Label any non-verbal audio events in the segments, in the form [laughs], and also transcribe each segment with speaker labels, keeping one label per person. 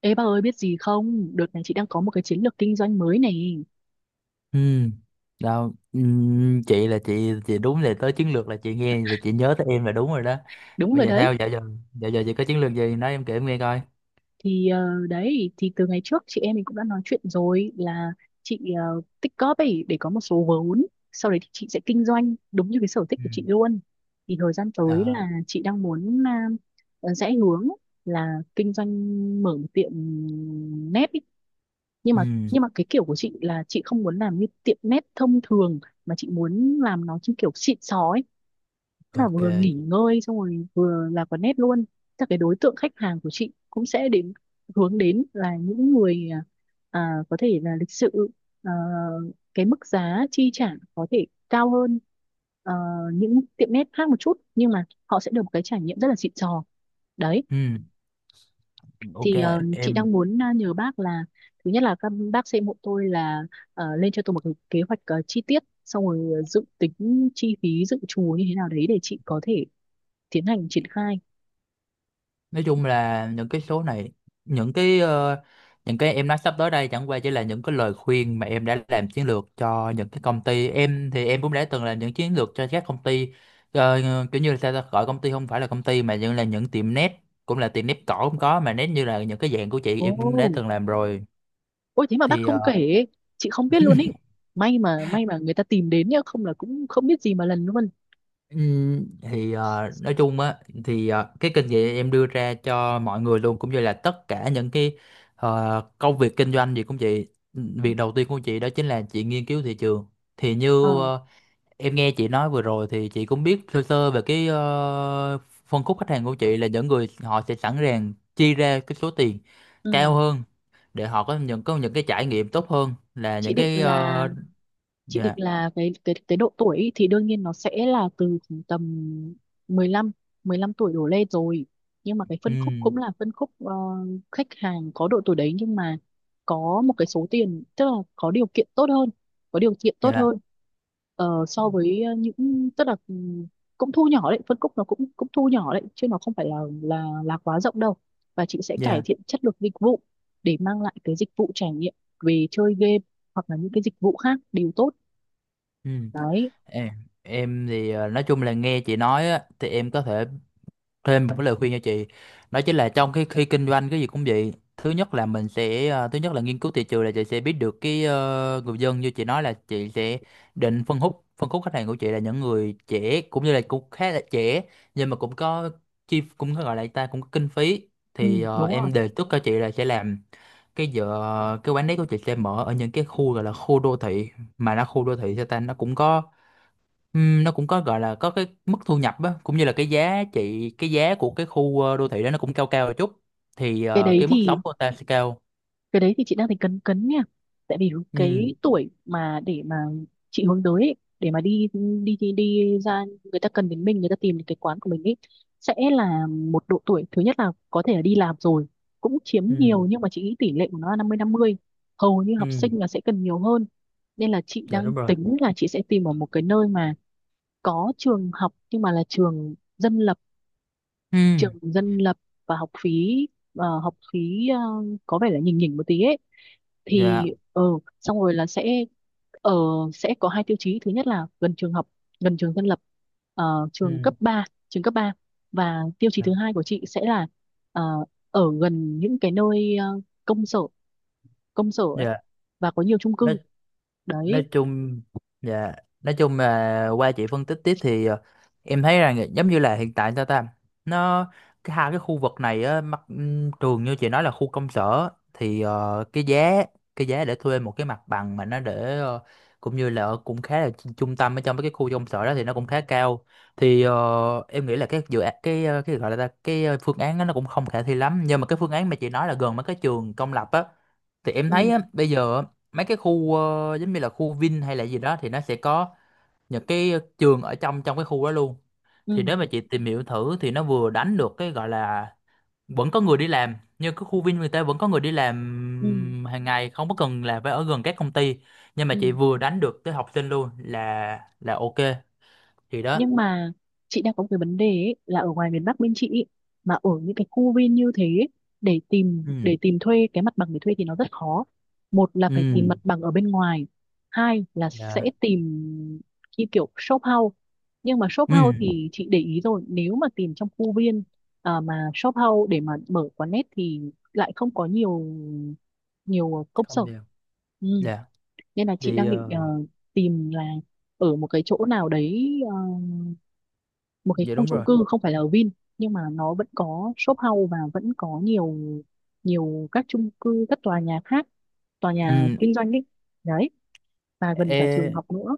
Speaker 1: Ê bà ơi biết gì không? Đợt này chị đang có một cái chiến lược kinh doanh mới này.
Speaker 2: Ừ, đâu, ừ, chị đúng là tới chiến lược là chị nghe là chị nhớ tới em là đúng rồi đó.
Speaker 1: Đúng
Speaker 2: Bây
Speaker 1: rồi
Speaker 2: giờ
Speaker 1: đấy.
Speaker 2: sao giờ giờ, giờ chị có chiến lược gì nói em kể em nghe coi.
Speaker 1: Thì đấy thì từ ngày trước chị em mình cũng đã nói chuyện rồi là chị tích góp ấy để có một số vốn. Sau đấy thì chị sẽ kinh doanh đúng như cái sở thích
Speaker 2: Ừ.
Speaker 1: của chị luôn. Thì thời gian tới
Speaker 2: Ờ,
Speaker 1: là chị đang muốn rẽ hướng là kinh doanh, mở một tiệm nét ý. Nhưng mà
Speaker 2: ừ,
Speaker 1: nhưng mà cái kiểu của chị là chị không muốn làm như tiệm nét thông thường, mà chị muốn làm nó trên kiểu xịn sò ấy. Tức là
Speaker 2: ok
Speaker 1: vừa nghỉ
Speaker 2: chị.
Speaker 1: ngơi xong rồi vừa là quán nét luôn. Chắc cái đối tượng khách hàng của chị cũng sẽ đến, hướng đến là những người có thể là lịch sự, à, cái mức giá chi trả có thể cao hơn, à, những tiệm nét khác một chút, nhưng mà họ sẽ được một cái trải nghiệm rất là xịn sò đấy.
Speaker 2: ừ, ok
Speaker 1: Thì chị
Speaker 2: em,
Speaker 1: đang muốn nhờ bác là thứ nhất là các bác sẽ hộ tôi là lên cho tôi một cái kế hoạch chi tiết, xong rồi dự tính chi phí dự trù như thế nào đấy để chị có thể tiến hành triển khai.
Speaker 2: nói chung là những cái số này, những cái em nói sắp tới đây chẳng qua chỉ là những cái lời khuyên mà em đã làm chiến lược cho những cái công ty. Em thì em cũng đã từng làm những chiến lược cho các công ty. Ờ, Kiểu như là sao ta, gọi công ty không phải là công ty mà những là những tiệm net, cũng là tiệm nét cỏ cũng có, mà nét như là những cái dạng của chị em cũng đã
Speaker 1: Ồ,
Speaker 2: từng làm rồi.
Speaker 1: ôi thế mà bác
Speaker 2: thì ờ,
Speaker 1: không kể, chị không biết luôn ý. May mà may mà người ta tìm đến nhá, không là cũng không biết gì mà lần luôn.
Speaker 2: Nói chung á, cái kinh nghiệm em đưa ra cho mọi người luôn cũng như là tất cả những cái công việc kinh doanh gì cũng vậy. Việc đầu tiên của chị đó chính là chị nghiên cứu thị trường. Thì
Speaker 1: ờ
Speaker 2: như ờ, em nghe chị nói vừa rồi thì chị cũng biết sơ sơ về cái phân khúc khách hàng của chị là những người họ sẽ sẵn sàng chi ra cái số tiền
Speaker 1: ừ.
Speaker 2: cao hơn để họ có những cái trải nghiệm tốt hơn là
Speaker 1: chị
Speaker 2: những
Speaker 1: định
Speaker 2: cái
Speaker 1: là
Speaker 2: ờ,
Speaker 1: chị định
Speaker 2: dạ.
Speaker 1: là cái cái độ tuổi ý, thì đương nhiên nó sẽ là từ khoảng tầm 15, 15 tuổi đổ lên rồi. Nhưng mà cái phân khúc
Speaker 2: Ừm.
Speaker 1: cũng là phân khúc khách hàng có độ tuổi đấy, nhưng mà có một cái số tiền, tức là có điều kiện tốt hơn, có điều kiện tốt
Speaker 2: Dạ.
Speaker 1: hơn so với những, tức là cũng thu nhỏ đấy, phân khúc nó cũng cũng thu nhỏ đấy chứ nó không phải là là quá rộng đâu. Và chị sẽ cải
Speaker 2: Dạ.
Speaker 1: thiện chất lượng dịch vụ để mang lại cái dịch vụ trải nghiệm về chơi game hoặc là những cái dịch vụ khác đều tốt
Speaker 2: Ừm.
Speaker 1: đấy.
Speaker 2: em em thì nói chung là nghe chị nói á, thì em có thể thêm một cái lời khuyên cho chị, đó chính là trong cái khi kinh doanh cái gì cũng vậy, thứ nhất là mình sẽ thứ nhất là nghiên cứu thị trường là chị sẽ biết được cái người dân, như chị nói là chị sẽ định phân khúc, phân khúc khách hàng của chị là những người trẻ, cũng như là cũng khá là trẻ, nhưng mà cũng có chi, cũng có gọi là ta cũng có kinh phí,
Speaker 1: Ừ, đúng rồi.
Speaker 2: em đề xuất cho chị là sẽ làm cái giờ, cái quán đấy của chị sẽ mở ở những cái khu gọi là khu đô thị, mà nó khu đô thị sao ta nó cũng có. Nó cũng có gọi là có cái mức thu nhập á, cũng như là cái giá trị, cái giá của cái khu đô thị đó nó cũng cao cao một chút,
Speaker 1: cái đấy
Speaker 2: cái mức
Speaker 1: thì
Speaker 2: sống của ta sẽ cao.
Speaker 1: cái đấy thì chị đang thấy cấn cấn nha, tại vì
Speaker 2: Ừ.
Speaker 1: cái tuổi mà để mà chị hướng tới ấy, để mà đi đi ra, người ta cần đến mình, người ta tìm đến cái quán của mình ấy, sẽ là một độ tuổi thứ nhất là có thể là đi làm rồi, cũng chiếm
Speaker 2: Ừ.
Speaker 1: nhiều, nhưng mà chị nghĩ tỷ lệ của nó là 50-50, hầu như học
Speaker 2: Ừ.
Speaker 1: sinh là sẽ cần nhiều hơn. Nên là chị
Speaker 2: Dạ
Speaker 1: đang
Speaker 2: đúng rồi.
Speaker 1: tính là chị sẽ tìm ở một cái nơi mà có trường học, nhưng mà là trường dân lập,
Speaker 2: Ừ.
Speaker 1: trường dân lập, và học phí, học phí có vẻ là nhỉnh nhỉnh một tí ấy. Thì
Speaker 2: Dạ.
Speaker 1: ờ Xong rồi là sẽ ờ sẽ có hai tiêu chí: thứ nhất là gần trường học, gần trường dân lập, trường
Speaker 2: Ừ.
Speaker 1: cấp ba, trường cấp ba. Và tiêu chí thứ
Speaker 2: Dạ.
Speaker 1: hai của chị sẽ là ờ, ở gần những cái nơi công sở, công sở ấy,
Speaker 2: Dạ.
Speaker 1: và có nhiều chung
Speaker 2: Đó,
Speaker 1: cư đấy.
Speaker 2: nói chung, dạ, nói chung là qua chị phân tích tiếp em thấy rằng giống như là hiện tại sao ta nó cái hai cái khu vực này á, mặt trường như chị nói là khu công sở cái giá, cái giá để thuê một cái mặt bằng mà nó để cũng như là ở cũng khá là chu- trung tâm ở trong mấy cái khu công sở đó thì nó cũng khá cao, em nghĩ là cái dự án cái cái gọi là ta- cái phương án đó nó cũng không khả thi lắm, nhưng mà cái phương án mà chị nói là gần mấy cái trường công lập á, thì em
Speaker 1: Ừ
Speaker 2: thấy á, bây giờ mấy cái khu giống như là khu Vin hay là gì đó thì nó sẽ có những cái trường ở trong trong cái khu đó luôn. Thì
Speaker 1: ừ,
Speaker 2: nếu mà chị tìm hiểu thử thì nó vừa đánh được cái gọi là vẫn có người đi làm, như cái khu Vin người ta vẫn có người đi
Speaker 1: ừ,
Speaker 2: làm hàng ngày không có cần là phải ở gần các công ty, nhưng mà chị
Speaker 1: ừ,
Speaker 2: vừa đánh được tới học sinh luôn, là ok, thì đó.
Speaker 1: Nhưng mà chị đang có một cái vấn đề ấy, là ở ngoài miền Bắc bên chị ấy, mà ở những cái khu viên như thế ấy, để tìm
Speaker 2: Ừ.
Speaker 1: thuê cái mặt bằng để thuê thì nó rất khó. Một là
Speaker 2: Ừ.
Speaker 1: phải tìm mặt bằng ở bên ngoài, hai là sẽ
Speaker 2: Dạ.
Speaker 1: tìm như kiểu shop house. Nhưng mà shop house
Speaker 2: Ừ.
Speaker 1: thì chị để ý rồi, nếu mà tìm trong khu viên, mà shop house để mà mở quán net thì lại không có nhiều, nhiều công sở.
Speaker 2: Không đều.
Speaker 1: Ừ.
Speaker 2: Dạ.
Speaker 1: Nên là chị
Speaker 2: thì
Speaker 1: đang định
Speaker 2: ờ,
Speaker 1: tìm là ở một cái chỗ nào đấy, một cái
Speaker 2: dạ
Speaker 1: khu
Speaker 2: đúng
Speaker 1: chung
Speaker 2: rồi.
Speaker 1: cư không phải là ở Vin, nhưng mà nó vẫn có shop house, và vẫn có nhiều, nhiều các chung cư, các tòa nhà khác, tòa nhà
Speaker 2: Ừ.
Speaker 1: kinh doanh ấy đấy, và gần cả trường
Speaker 2: e
Speaker 1: học nữa.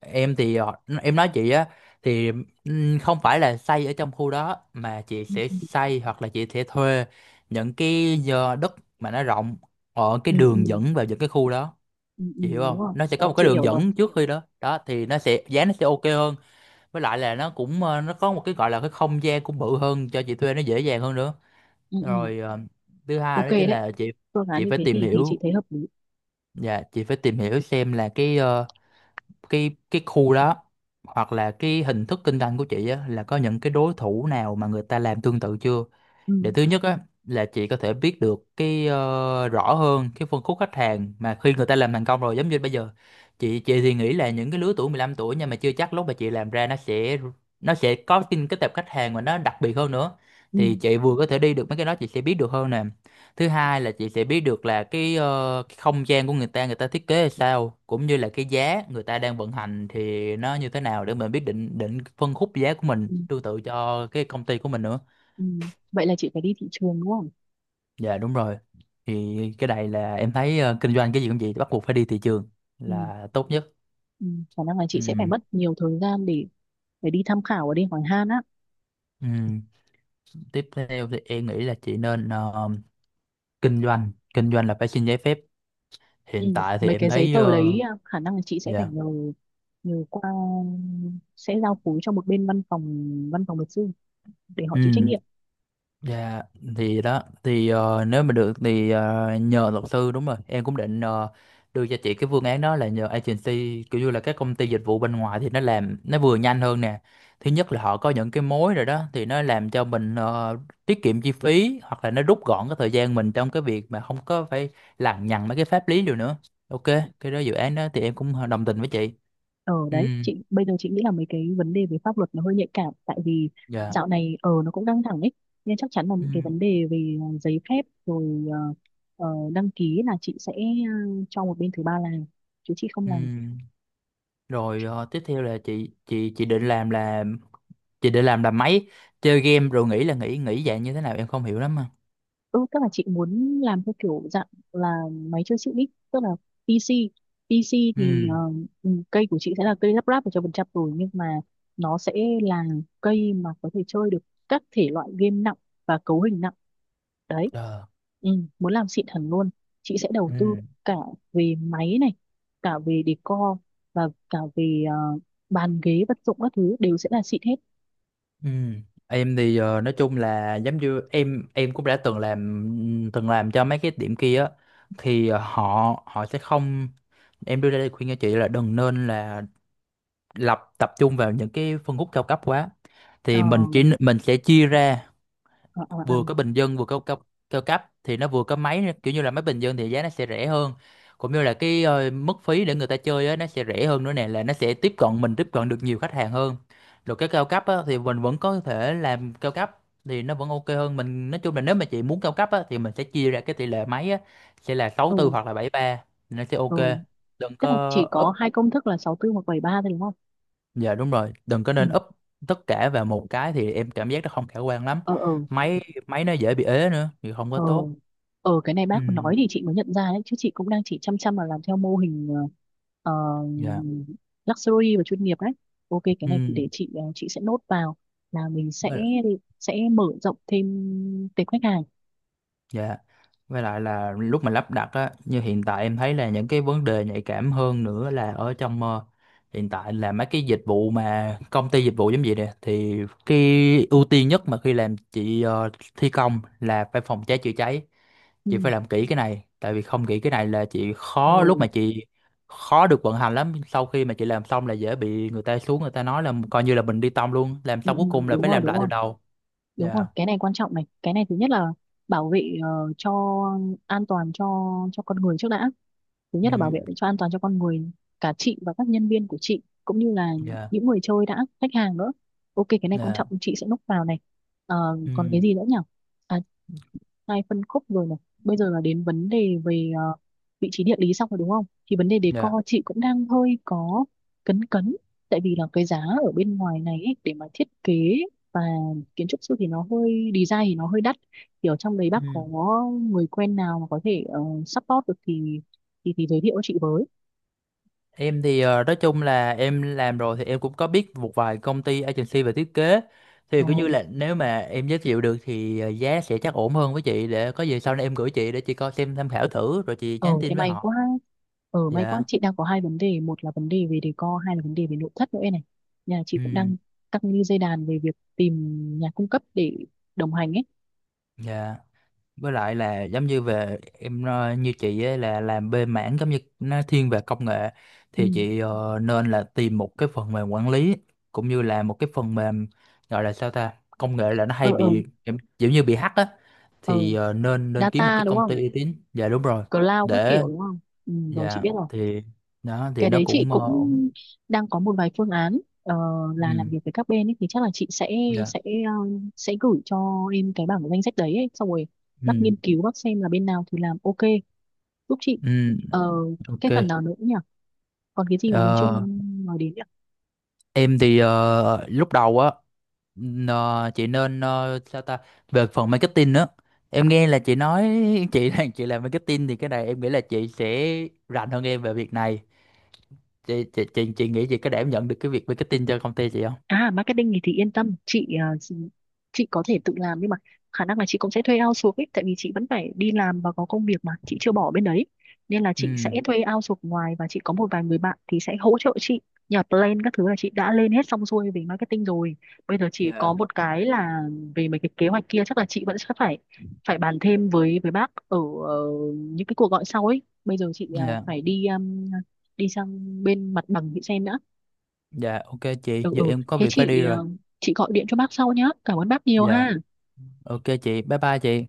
Speaker 2: em thì họ-, em nói chị á, thì không phải là xây ở trong khu đó mà chị sẽ
Speaker 1: ừ,
Speaker 2: xây hoặc là chị sẽ thuê những cái giờ đất mà nó rộng ở cái
Speaker 1: ừ,
Speaker 2: đường
Speaker 1: ừ,
Speaker 2: dẫn vào những cái khu đó,
Speaker 1: ừ,
Speaker 2: chị hiểu
Speaker 1: Đúng
Speaker 2: không,
Speaker 1: rồi.
Speaker 2: nó sẽ
Speaker 1: Ờ,
Speaker 2: có một cái
Speaker 1: chị
Speaker 2: đường
Speaker 1: hiểu rồi.
Speaker 2: dẫn trước khi đó đó thì nó sẽ giá, nó sẽ ok hơn, với lại là nó cũng nó có một cái gọi là cái không gian cũng bự hơn cho chị thuê nó dễ dàng hơn nữa.
Speaker 1: ừ, ừ.
Speaker 2: Rồi thứ hai
Speaker 1: Ok
Speaker 2: đó chính
Speaker 1: đấy,
Speaker 2: là chị
Speaker 1: phương án
Speaker 2: chị
Speaker 1: như
Speaker 2: phải
Speaker 1: thế
Speaker 2: tìm
Speaker 1: thì chị
Speaker 2: hiểu,
Speaker 1: thấy hợp lý.
Speaker 2: dạ, chị phải tìm hiểu xem là cái khu đó hoặc là cái hình thức kinh doanh của chị á, là có những cái đối thủ nào mà người ta làm tương tự chưa,
Speaker 1: ừ,
Speaker 2: để thứ nhất á là chị có thể biết được rõ hơn cái phân khúc khách hàng mà khi người ta làm thành công rồi. Giống như bây giờ chị thì nghĩ là những cái lứa tuổi 15 tuổi, nhưng mà chưa chắc lúc mà chị làm ra nó sẽ, nó sẽ có cái tệp khách hàng mà nó đặc biệt hơn nữa,
Speaker 1: ừ,
Speaker 2: thì chị vừa có thể đi được mấy cái đó chị sẽ biết được hơn nè. Thứ hai là chị sẽ biết được là cái, ờ, cái không gian của người ta, người ta thiết kế là sao, cũng như là cái giá người ta đang vận hành thì nó như thế nào để mình biết định, định phân khúc giá của mình
Speaker 1: ừ,
Speaker 2: tương tự cho cái công ty của mình nữa.
Speaker 1: ừ. Vậy là chị phải đi thị trường đúng không?
Speaker 2: Dạ đúng rồi. Thì cái này là em thấy kinh doanh cái gì cũng vậy, bắt buộc phải đi thị trường
Speaker 1: ừ,
Speaker 2: là tốt nhất.
Speaker 1: ừ. Khả năng là chị
Speaker 2: Ừ.
Speaker 1: sẽ phải mất nhiều thời gian để đi tham khảo và đi hỏi han á.
Speaker 2: Ừ. Tiếp theo thì em nghĩ là chị nên kinh doanh là phải xin giấy phép.
Speaker 1: Ừ,
Speaker 2: Hiện tại thì
Speaker 1: mấy
Speaker 2: em
Speaker 1: cái giấy
Speaker 2: thấy
Speaker 1: tờ đấy,
Speaker 2: ờ,
Speaker 1: khả năng là chị sẽ phải
Speaker 2: dạ.
Speaker 1: nhờ, nhờ qua, sẽ giao phối cho một bên văn phòng, văn phòng luật sư, để họ chịu trách
Speaker 2: Ừ.
Speaker 1: nhiệm.
Speaker 2: Dạ, thì đó nếu mà được nhờ luật sư đúng rồi, em cũng định ờ, đưa cho chị cái phương án đó là nhờ agency, kiểu như là các công ty dịch vụ bên ngoài thì nó làm nó vừa nhanh hơn nè, thứ nhất là họ có những cái mối rồi đó thì nó làm cho mình tiết kiệm chi phí, hoặc là nó rút gọn cái thời gian mình trong cái việc mà không có phải lằng nhằng mấy cái pháp lý điều nữa. Ok, cái đó dự án đó thì em cũng đồng tình với chị.
Speaker 1: Ở
Speaker 2: Ừ.
Speaker 1: đấy chị bây giờ chị nghĩ là mấy cái vấn đề về pháp luật nó hơi nhạy cảm, tại vì
Speaker 2: Dạ.
Speaker 1: dạo này ở nó cũng căng thẳng ấy, nên chắc chắn là những cái vấn
Speaker 2: Ừ.
Speaker 1: đề về giấy phép rồi, ờ, đăng ký là chị sẽ cho một bên thứ ba làm, chứ chị không
Speaker 2: Ừ.
Speaker 1: làm.
Speaker 2: Rồi tiếp theo là chị định làm là chị định làm là máy chơi game, rồi nghĩ là nghĩ nghĩ dạng như thế nào em không hiểu lắm mà.
Speaker 1: Ừ, tức là chị muốn làm theo kiểu dạng là máy chơi chữ ít, tức là PC. PC thì
Speaker 2: Ừ.
Speaker 1: cây của chị sẽ là cây lắp ráp 100% rồi, nhưng mà nó sẽ là cây mà có thể chơi được các thể loại game nặng và cấu hình nặng đấy.
Speaker 2: Ờ.
Speaker 1: Ừ, muốn làm xịn hẳn luôn, chị sẽ đầu tư
Speaker 2: Ừ.
Speaker 1: cả về máy này, cả về decor, và cả về bàn ghế vật dụng các thứ đều sẽ là xịn hết.
Speaker 2: Ừ. Em thì nói chung là giống như em cũng đã từng làm cho mấy cái điểm kia á, họ họ sẽ không. Em đưa ra đây khuyên cho chị là đừng nên là lập, tập trung vào những cái phân khúc cao cấp quá,
Speaker 1: Ờ,
Speaker 2: thì mình chỉ mình sẽ chia ra
Speaker 1: ờ, ờ, ờ.
Speaker 2: vừa có bình dân vừa có cao, cao cấp, thì nó vừa có máy kiểu như là máy bình dân thì giá nó sẽ rẻ hơn, cũng như là cái mức phí để người ta chơi á, nó sẽ rẻ hơn nữa nè, là nó sẽ tiếp cận mình tiếp cận được nhiều khách hàng hơn. Rồi cái cao cấp á, thì mình vẫn có thể làm cao cấp thì nó vẫn ok hơn. Mình nói chung là nếu mà chị muốn cao cấp á, thì mình sẽ chia ra cái tỷ lệ máy á, sẽ là sáu
Speaker 1: ừ,
Speaker 2: tư hoặc là bảy ba, nó sẽ ok.
Speaker 1: ừ.
Speaker 2: Đừng
Speaker 1: Tức là
Speaker 2: có
Speaker 1: chỉ có
Speaker 2: up,
Speaker 1: hai công thức là 6-4 hoặc 7-3 thôi đúng không?
Speaker 2: dạ đúng rồi, đừng có
Speaker 1: Ừ.
Speaker 2: nên up tất cả vào một cái thì em cảm giác nó không khả quan lắm.
Speaker 1: Ờ ờ
Speaker 2: Máy máy nó dễ bị ế nữa thì không có
Speaker 1: ờ
Speaker 2: tốt.
Speaker 1: cái này
Speaker 2: Ừ.
Speaker 1: bác nói thì chị mới nhận ra đấy, chứ chị cũng đang chỉ chăm chăm vào làm theo mô hình ờ,
Speaker 2: Dạ.
Speaker 1: luxury và chuyên nghiệp đấy. Ok, cái
Speaker 2: Ừ.
Speaker 1: này thì để chị chị sẽ nốt vào là mình sẽ
Speaker 2: Với.
Speaker 1: mở rộng thêm tệp khách hàng.
Speaker 2: Dạ. Với lại là lúc mà lắp đặt á, như hiện tại em thấy là những cái vấn đề nhạy cảm hơn nữa là hiện tại là mấy cái dịch vụ mà công ty dịch vụ giống vậy nè, thì cái ưu tiên nhất mà khi làm chị thi công là phải phòng cháy chữa cháy,
Speaker 1: Ừ.
Speaker 2: chị phải làm kỹ cái này, tại vì không kỹ cái này là chị
Speaker 1: Ừ.
Speaker 2: khó lúc mà chị khó được vận hành lắm. Sau khi mà chị làm xong là dễ bị người ta xuống, người ta nói là coi như là mình đi tông luôn, làm
Speaker 1: Ừ,
Speaker 2: xong cuối
Speaker 1: ừ,
Speaker 2: cùng là
Speaker 1: đúng
Speaker 2: phải
Speaker 1: rồi,
Speaker 2: làm lại từ đầu. Dạ.
Speaker 1: cái này quan trọng này. Cái này thứ nhất là bảo vệ cho an toàn cho con người trước đã. Thứ
Speaker 2: Ừ.
Speaker 1: nhất là bảo vệ cho an toàn cho con người, cả chị và các nhân viên của chị, cũng như là
Speaker 2: Dạ.
Speaker 1: những người chơi đã khách hàng nữa. Ok, cái này quan
Speaker 2: Dạ.
Speaker 1: trọng, chị sẽ núp vào này. Ờ,
Speaker 2: Ừ.
Speaker 1: còn cái gì nữa nhỉ? À, hai phân khúc rồi này. Bây giờ là đến vấn đề về vị trí địa lý xong rồi đúng không, thì vấn đề decor
Speaker 2: Dạ.
Speaker 1: chị cũng đang hơi có cấn cấn, tại vì là cái giá ở bên ngoài này ấy, để mà thiết kế và kiến trúc sư thì nó hơi design thì nó hơi đắt. Thì ở trong đấy bác
Speaker 2: Ừ.
Speaker 1: có người quen nào mà có thể support được thì thì giới thiệu cho chị với.
Speaker 2: Em thì nói chung là em làm rồi thì em cũng có biết một vài công ty agency về thiết kế,
Speaker 1: Ờ,
Speaker 2: thì cứ như là nếu mà em giới thiệu được giá sẽ chắc ổn hơn với chị, để có gì sau này em gửi chị để chị coi xem tham khảo thử rồi chị
Speaker 1: Ờ
Speaker 2: nhắn
Speaker 1: thế
Speaker 2: tin với
Speaker 1: may
Speaker 2: họ.
Speaker 1: quá. Ờ may quá,
Speaker 2: Dạ.
Speaker 1: chị đang có hai vấn đề: một là vấn đề về decor, hai là vấn đề về nội thất nữa này. Nhà chị cũng
Speaker 2: Ừ.
Speaker 1: đang căng như dây đàn về việc tìm nhà cung cấp để đồng hành ấy.
Speaker 2: Dạ. Với lại là giống như về em như chị ấy là làm bên mảng giống như nó thiên về công nghệ,
Speaker 1: ừ.
Speaker 2: thì chị nên là tìm một cái phần mềm quản lý cũng như là một cái phần mềm gọi là sao ta, công nghệ là nó
Speaker 1: Ờ
Speaker 2: hay
Speaker 1: ờ
Speaker 2: bị giống, giống như bị hack á,
Speaker 1: ờ
Speaker 2: nên nên kiếm một
Speaker 1: Data
Speaker 2: cái
Speaker 1: đúng
Speaker 2: công
Speaker 1: không?
Speaker 2: ty uy tín, dạ đúng rồi.
Speaker 1: Cloud các
Speaker 2: Để,
Speaker 1: kiểu đúng không? Ừ, rồi chị
Speaker 2: dạ
Speaker 1: biết rồi.
Speaker 2: thì đó thì
Speaker 1: Cái
Speaker 2: nó
Speaker 1: đấy chị
Speaker 2: cũng
Speaker 1: cũng
Speaker 2: ổn.
Speaker 1: đang có một vài phương án, là làm
Speaker 2: Ừ.
Speaker 1: việc với các bên ấy, thì chắc là chị sẽ
Speaker 2: Dạ.
Speaker 1: sẽ ờ, sẽ gửi cho em cái bảng danh sách đấy ấy. Xong rồi bác
Speaker 2: Ừ.
Speaker 1: nghiên cứu, bác xem là bên nào thì làm ok, giúp chị.
Speaker 2: Ừ.
Speaker 1: ờ,
Speaker 2: Ok.
Speaker 1: cái phần nào nữa nhỉ, còn cái gì mà mình chưa
Speaker 2: Ờ,
Speaker 1: nói đến nhỉ?
Speaker 2: em thì lúc đầu á, Ờ, chị nên sao ta, về phần marketing nữa, em nghe là chị nói [laughs] chị đang chị làm marketing, thì cái này em nghĩ là chị sẽ rành hơn em về việc này. Chị nghĩ chị có đảm nhận được cái việc marketing cho công ty chị không?
Speaker 1: À marketing thì yên tâm, chị chị có thể tự làm, nhưng mà khả năng là chị cũng sẽ thuê outsource ấy, tại vì chị vẫn phải đi làm và có công việc mà chị chưa bỏ bên đấy, nên là chị sẽ
Speaker 2: Ừ.
Speaker 1: thuê outsource ngoài, và chị có một vài người bạn thì sẽ hỗ trợ chị. Nhà plan các thứ là chị đã lên hết xong xuôi về marketing rồi. Bây giờ chỉ có
Speaker 2: Dạ.
Speaker 1: một cái là về mấy cái kế hoạch kia chắc là chị vẫn sẽ phải phải bàn thêm với bác ở ờ, những cái cuộc gọi sau ấy. Bây giờ chị
Speaker 2: Dạ.
Speaker 1: phải đi đi sang bên mặt bằng chị xem đã.
Speaker 2: Dạ. Ok chị, giờ
Speaker 1: Ừ
Speaker 2: em có
Speaker 1: Thế
Speaker 2: việc phải đi
Speaker 1: chị
Speaker 2: rồi.
Speaker 1: chị gọi điện cho bác sau nhá, cảm ơn bác nhiều
Speaker 2: Dạ,
Speaker 1: ha.
Speaker 2: ok chị, bye bye chị.